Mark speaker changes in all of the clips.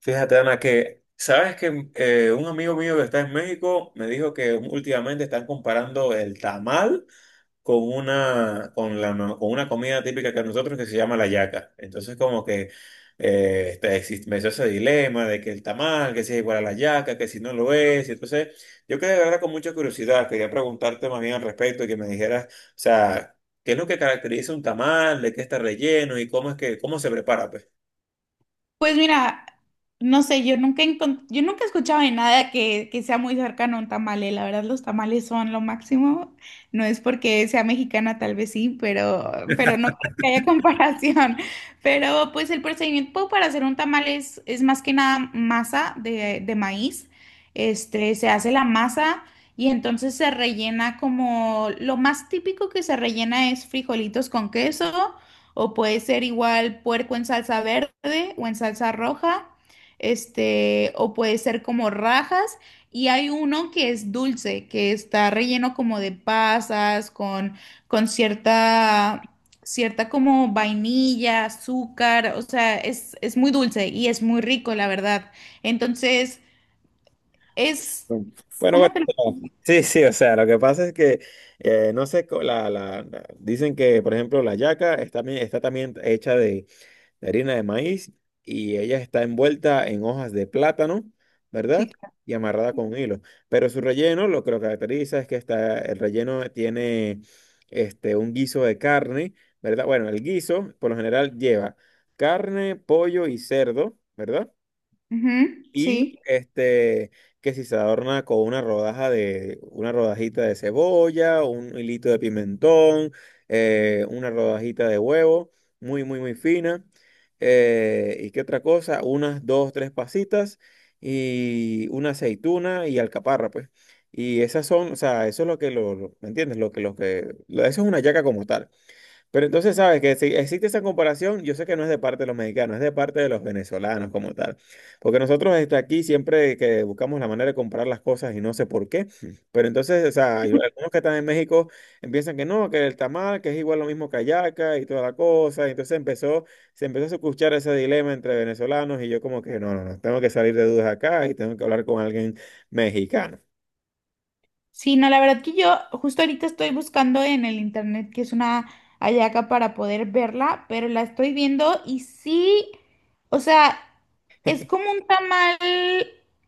Speaker 1: Fíjate, Ana, que sabes que un amigo mío que está en México me dijo que últimamente están comparando el tamal con una, con la, no- con una comida típica que nosotros que se llama la yaca. Entonces como que me hizo ese dilema de que el tamal, que si es igual a la yaca, que si no lo es. Entonces yo quedé de verdad con mucha curiosidad, quería preguntarte más bien al respecto y que me dijeras, o sea, ¿qué es lo que caracteriza un tamal, de qué está relleno y cómo es que, cómo se prepara, pues?
Speaker 2: Pues mira, no sé, yo nunca he escuchado de nada que sea muy cercano a un tamale. La verdad, los tamales son lo máximo. No es porque sea mexicana, tal vez sí, pero no creo que haya comparación. Pero pues el procedimiento para hacer un tamal es más que nada masa de maíz. Se hace la masa y entonces se rellena, como lo más típico que se rellena es frijolitos con queso. O puede ser igual puerco en salsa verde o en salsa roja. O puede ser como rajas. Y hay uno que es dulce, que está relleno como de pasas, con cierta, cierta como vainilla, azúcar. O sea, es muy dulce y es muy rico, la verdad. Entonces, es,
Speaker 1: Bueno,
Speaker 2: ¿cómo te lo...
Speaker 1: bueno, sí, sí, o sea, lo que pasa es que, no sé, dicen que, por ejemplo, la yaca está también hecha de harina de maíz y ella está envuelta en hojas de plátano,
Speaker 2: Sí,
Speaker 1: ¿verdad?
Speaker 2: claro.
Speaker 1: Y amarrada con hilo. Pero su relleno, lo que lo caracteriza es que está, el relleno tiene este, un guiso de carne, ¿verdad? Bueno, el guiso, por lo general, lleva carne, pollo y cerdo, ¿verdad?
Speaker 2: Ujú,
Speaker 1: Y
Speaker 2: sí.
Speaker 1: este, que si se adorna con una rodaja de, una rodajita de cebolla, un hilito de pimentón, una rodajita de huevo, muy, muy, muy fina. ¿Y qué otra cosa? Unas dos, tres pasitas y una aceituna y alcaparra, pues. Y esas son, o sea, eso es lo ¿me entiendes? Eso es una yaca como tal. Pero entonces, ¿sabes? Que si existe esa comparación, yo sé que no es de parte de los mexicanos, es de parte de los venezolanos como tal. Porque nosotros este, aquí siempre que buscamos la manera de comprar las cosas y no sé por qué, pero entonces, o sea, hay algunos que están en México empiezan que no, que el tamal, que es igual lo mismo que hallaca y toda la cosa. Y entonces empezó, se empezó a escuchar ese dilema entre venezolanos y yo como que no, no, no, tengo que salir de dudas acá y tengo que hablar con alguien mexicano.
Speaker 2: Sí, no, la verdad que yo justo ahorita estoy buscando en el internet que es una hallaca para poder verla, pero la estoy viendo y sí, o sea, es como un tamal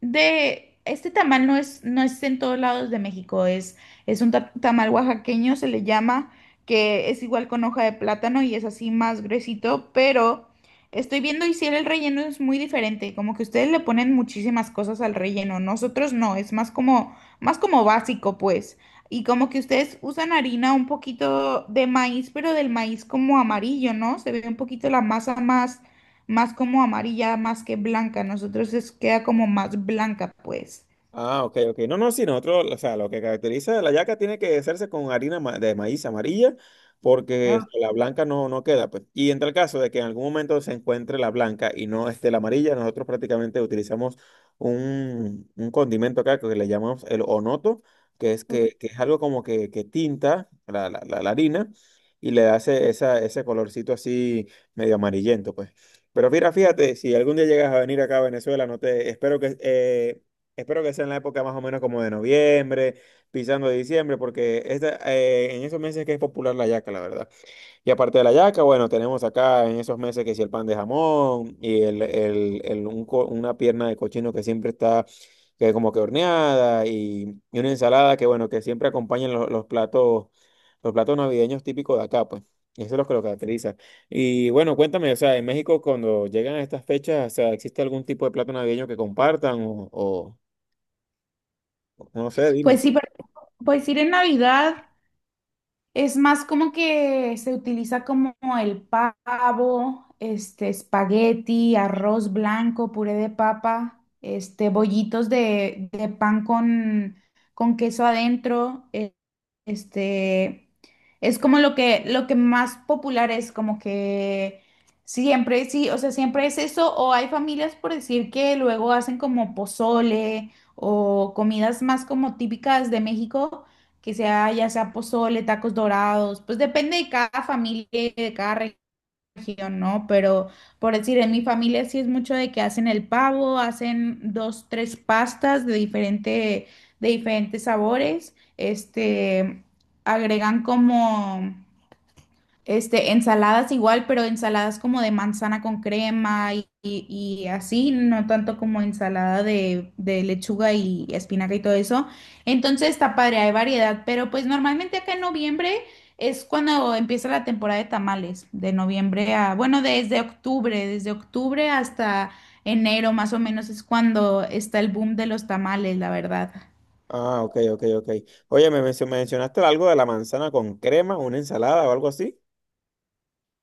Speaker 2: de, este tamal no es en todos lados de México, es un tamal oaxaqueño, se le llama, que es igual con hoja de plátano y es así más gruesito, pero estoy viendo y sí, el relleno es muy diferente, como que ustedes le ponen muchísimas cosas al relleno, nosotros no, es más como básico, pues. Y como que ustedes usan harina un poquito de maíz, pero del maíz como amarillo, ¿no? Se ve un poquito la masa más, más como amarilla, más que blanca. Nosotros es, queda como más blanca, pues.
Speaker 1: Ah, ok, ok. No, no, sí, nosotros, o sea, lo que caracteriza la yaca tiene que hacerse con harina de maíz amarilla, porque
Speaker 2: Ah,
Speaker 1: la blanca no, no queda, pues. Y en tal caso de que en algún momento se encuentre la blanca y no esté la amarilla, nosotros prácticamente utilizamos un condimento acá que le llamamos el onoto,
Speaker 2: ok.
Speaker 1: que es algo como que tinta la harina y le hace esa, ese colorcito así medio amarillento, pues. Pero mira, fíjate, si algún día llegas a venir acá a Venezuela, no te, espero que espero que sea en la época más o menos como de noviembre, pisando de diciembre, porque esta, en esos meses que es popular la yaca, la verdad. Y aparte de la yaca, bueno, tenemos acá en esos meses que si el pan de jamón y un una pierna de cochino que siempre está que como que horneada y una ensalada que, bueno, que siempre acompañan los platos navideños típicos de acá, pues. Eso es lo que lo caracteriza. Y bueno, cuéntame, o sea, en México cuando llegan a estas fechas, o sea, ¿existe algún tipo de plato navideño que compartan no sé, dime.
Speaker 2: Pues sí, pero- pues ir en Navidad. Es más como que se utiliza como el pavo, espagueti, arroz blanco, puré de papa, bollitos de pan con queso adentro. Este, es como lo que más popular es, como que siempre, sí, o sea, siempre es eso. O hay familias, por decir, que luego hacen como pozole o comidas más como típicas de México, que sea ya sea pozole, tacos dorados, pues depende de cada familia y de cada región, ¿no? Pero por decir, en mi familia sí es mucho de que hacen el pavo, hacen dos, tres pastas de diferente, de diferentes sabores, agregan como ensaladas igual, pero ensaladas como de manzana con crema y así, no tanto como ensalada de lechuga y espinaca y todo eso. Entonces está padre, hay variedad, pero pues normalmente acá en noviembre es cuando empieza la temporada de tamales, de noviembre a, bueno, desde octubre hasta enero más o menos es cuando está el boom de los tamales, la verdad.
Speaker 1: Ah, ok, ok, ok. Oye, mencionaste algo de la manzana con crema, una ensalada o algo así.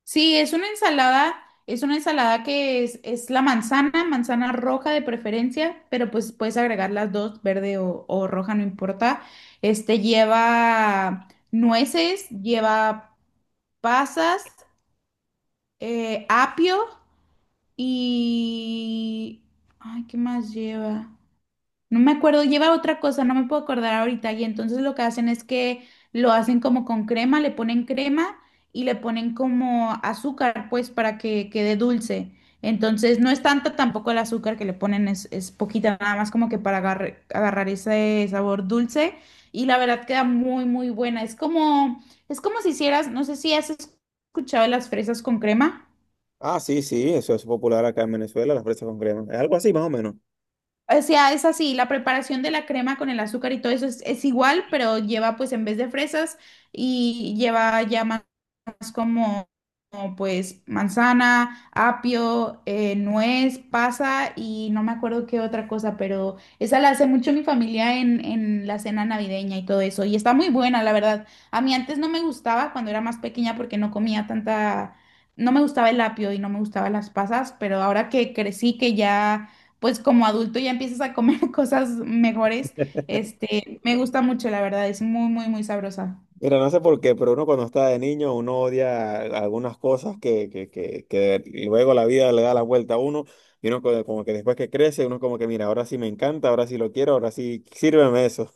Speaker 2: Sí, es una ensalada, es una ensalada es la manzana, manzana roja de preferencia, pero pues puedes agregar las dos, verde o roja, no importa. Este lleva nueces, lleva pasas, apio y... Ay, ¿qué más lleva? No me acuerdo, lleva otra cosa, no me puedo acordar ahorita. Y entonces lo que hacen es que lo hacen como con crema, le ponen crema y le ponen como azúcar, pues, para que quede dulce. Entonces no es tanto tampoco el azúcar que le ponen, es poquita, nada más como que para agarrar ese sabor dulce. Y la verdad queda muy, muy buena. Es como si hicieras, no sé si has escuchado las fresas con crema.
Speaker 1: Ah, sí, sí, eso es popular acá en Venezuela, las fresas con crema. Es algo así, más o menos.
Speaker 2: O sea, es así, la preparación de la crema con el azúcar y todo eso es igual, pero lleva pues en vez de fresas y lleva ya como, como, pues manzana, apio, nuez, pasa y no me acuerdo qué otra cosa, pero esa la hace mucho mi familia en la cena navideña y todo eso. Y está muy buena, la verdad. A mí antes no me gustaba cuando era más pequeña porque no comía tanta, no me gustaba el apio y no me gustaban las pasas, pero ahora que crecí, que ya, pues como adulto ya empiezas a comer cosas mejores, me gusta mucho, la verdad, es muy, muy, muy sabrosa.
Speaker 1: Mira, no sé por qué, pero uno cuando está de niño, uno odia algunas cosas que luego la vida le da la vuelta a uno. Y uno como que después que crece, uno como que, mira, ahora sí me encanta, ahora sí lo quiero, ahora sí, sírveme eso.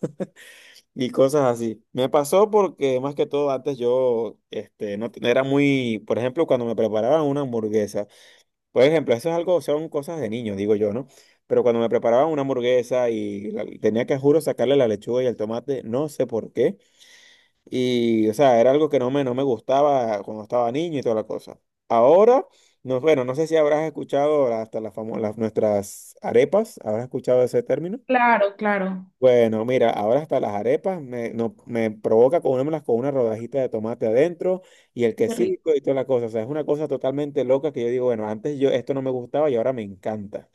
Speaker 1: Y cosas así. Me pasó porque más que todo antes yo este, no, era muy, por ejemplo, cuando me preparaban una hamburguesa, por ejemplo, eso es algo, son cosas de niños, digo yo, ¿no? Pero cuando me preparaban una hamburguesa y tenía que, juro, sacarle la lechuga y el tomate, no sé por qué. Y, o sea, era algo que no me, no me gustaba cuando estaba niño y toda la cosa. Ahora, no, bueno, no sé si habrás escuchado hasta las nuestras arepas, habrás escuchado ese término.
Speaker 2: Claro, claro.
Speaker 1: Bueno, mira, ahora hasta las arepas me, no, me provoca comérmelas con una rodajita de tomate adentro y el
Speaker 2: Qué rico.
Speaker 1: quesito y toda la cosa. O sea, es una cosa totalmente loca que yo digo, bueno, antes yo esto no me gustaba y ahora me encanta.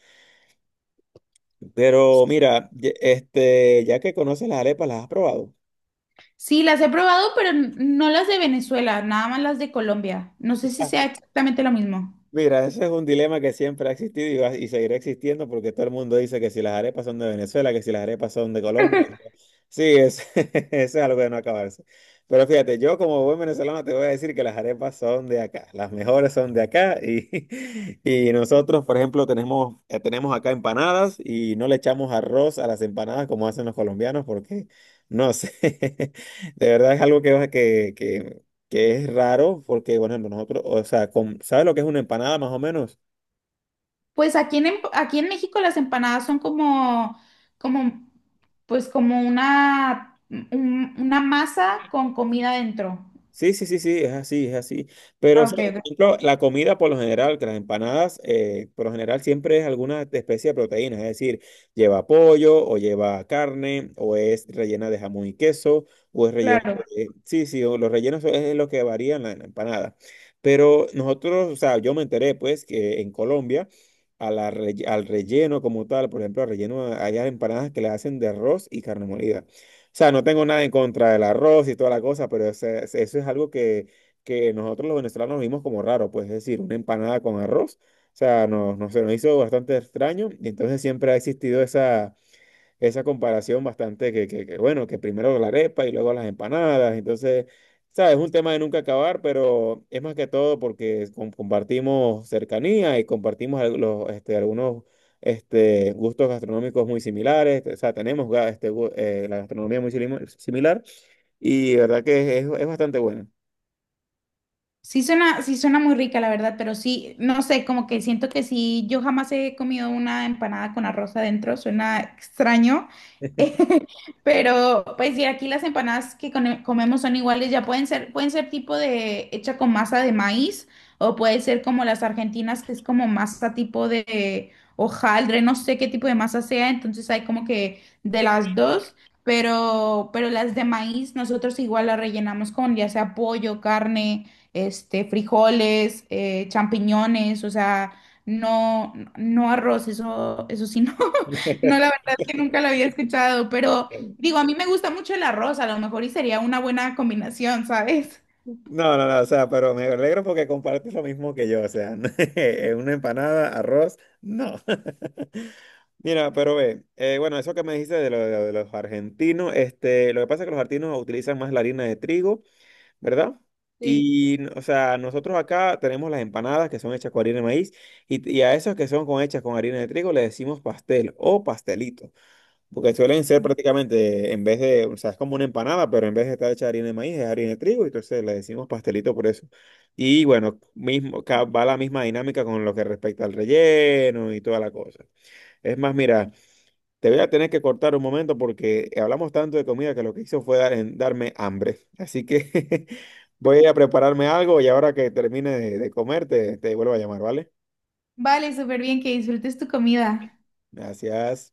Speaker 1: Pero mira, este, ya que conoces las arepas, ¿las has probado?
Speaker 2: Sí, las he probado, pero no las de Venezuela, nada más las de Colombia. No sé si sea exactamente lo mismo.
Speaker 1: Mira, ese es un dilema que siempre ha existido y seguirá existiendo porque todo el mundo dice que si las arepas son de Venezuela, que si las arepas son de Colombia. Sí, es, eso es algo de no acabarse. Pero fíjate, yo como buen venezolano te voy a decir que las arepas son de acá, las mejores son de acá y, y nosotros, por ejemplo, tenemos, tenemos acá empanadas y no le echamos arroz a las empanadas como hacen los colombianos porque, no sé, de verdad es algo que es raro porque, bueno ejemplo, nosotros, o sea, ¿sabes lo que es una empanada más o menos?
Speaker 2: Pues aquí en, aquí en México las empanadas son como, como, pues como una, una masa con comida dentro.
Speaker 1: Sí, sí, sí, sí, es así, es así. Pero, o
Speaker 2: Ah,
Speaker 1: sea,
Speaker 2: ok,
Speaker 1: por
Speaker 2: ok,
Speaker 1: ejemplo, la comida por lo general, que las empanadas, por lo general siempre es alguna especie de proteína, es decir, lleva pollo o lleva carne o es rellena de jamón y queso o es rellena
Speaker 2: claro.
Speaker 1: de... Sí, sí, o los rellenos es lo que varía en en la empanada. Pero nosotros, o sea, yo me enteré pues que en Colombia a la relle- al relleno como tal, por ejemplo, al relleno hay empanadas que le hacen de arroz y carne molida. O sea, no tengo nada en contra del arroz y toda la cosa, pero eso es algo que nosotros los venezolanos vimos como raro, pues es decir, una empanada con arroz. O sea, no, no, se nos hizo bastante extraño y entonces siempre ha existido esa comparación bastante bueno, que primero la arepa y luego las empanadas. Entonces, sabes, es un tema de nunca acabar, pero es más que todo porque compartimos cercanía y compartimos este, algunos este, gustos gastronómicos muy similares. O sea, tenemos la gastronomía muy similar y verdad que es bastante bueno.
Speaker 2: Sí suena muy rica, la verdad, pero sí, no sé, como que siento que sí, yo jamás he comido una empanada con arroz adentro, suena extraño, pero pues sí, aquí las empanadas que comemos son iguales, ya pueden ser tipo de hecha con masa de maíz o puede ser como las argentinas, que es como masa tipo de hojaldre, no sé qué tipo de masa sea, entonces hay como que de las dos. Pero las de maíz nosotros igual las rellenamos con ya sea pollo, carne, frijoles, champiñones, o sea, no, no arroz, eso sí, no, no, la verdad que nunca lo había escuchado, pero digo, a mí me gusta mucho el arroz, a lo mejor y sería una buena combinación, ¿sabes?
Speaker 1: No, no, no, o sea, pero me alegro porque compartes lo mismo que yo, o sea, una empanada, arroz, no. Mira, pero ve, bueno, eso que me dijiste de, de los argentinos, este, lo que pasa es que los argentinos utilizan más la harina de trigo, ¿verdad?
Speaker 2: Sí.
Speaker 1: Y, o sea, nosotros acá tenemos las empanadas que son hechas con harina de maíz y a esas que son con, hechas con harina de trigo le decimos pastel o pastelito, porque suelen ser prácticamente, en vez de, o sea, es como una empanada, pero en vez de estar hecha de harina de maíz es harina de trigo, entonces le decimos pastelito por eso. Y bueno, mismo, va la misma dinámica con lo que respecta al relleno y toda la cosa. Es más, mira. Te voy a tener que cortar un momento porque hablamos tanto de comida que lo que hizo fue darme hambre. Así que voy a prepararme algo y ahora que termine de comer te, te vuelvo a llamar, ¿vale?
Speaker 2: Vale, súper bien, que disfrutes tu comida.
Speaker 1: Gracias.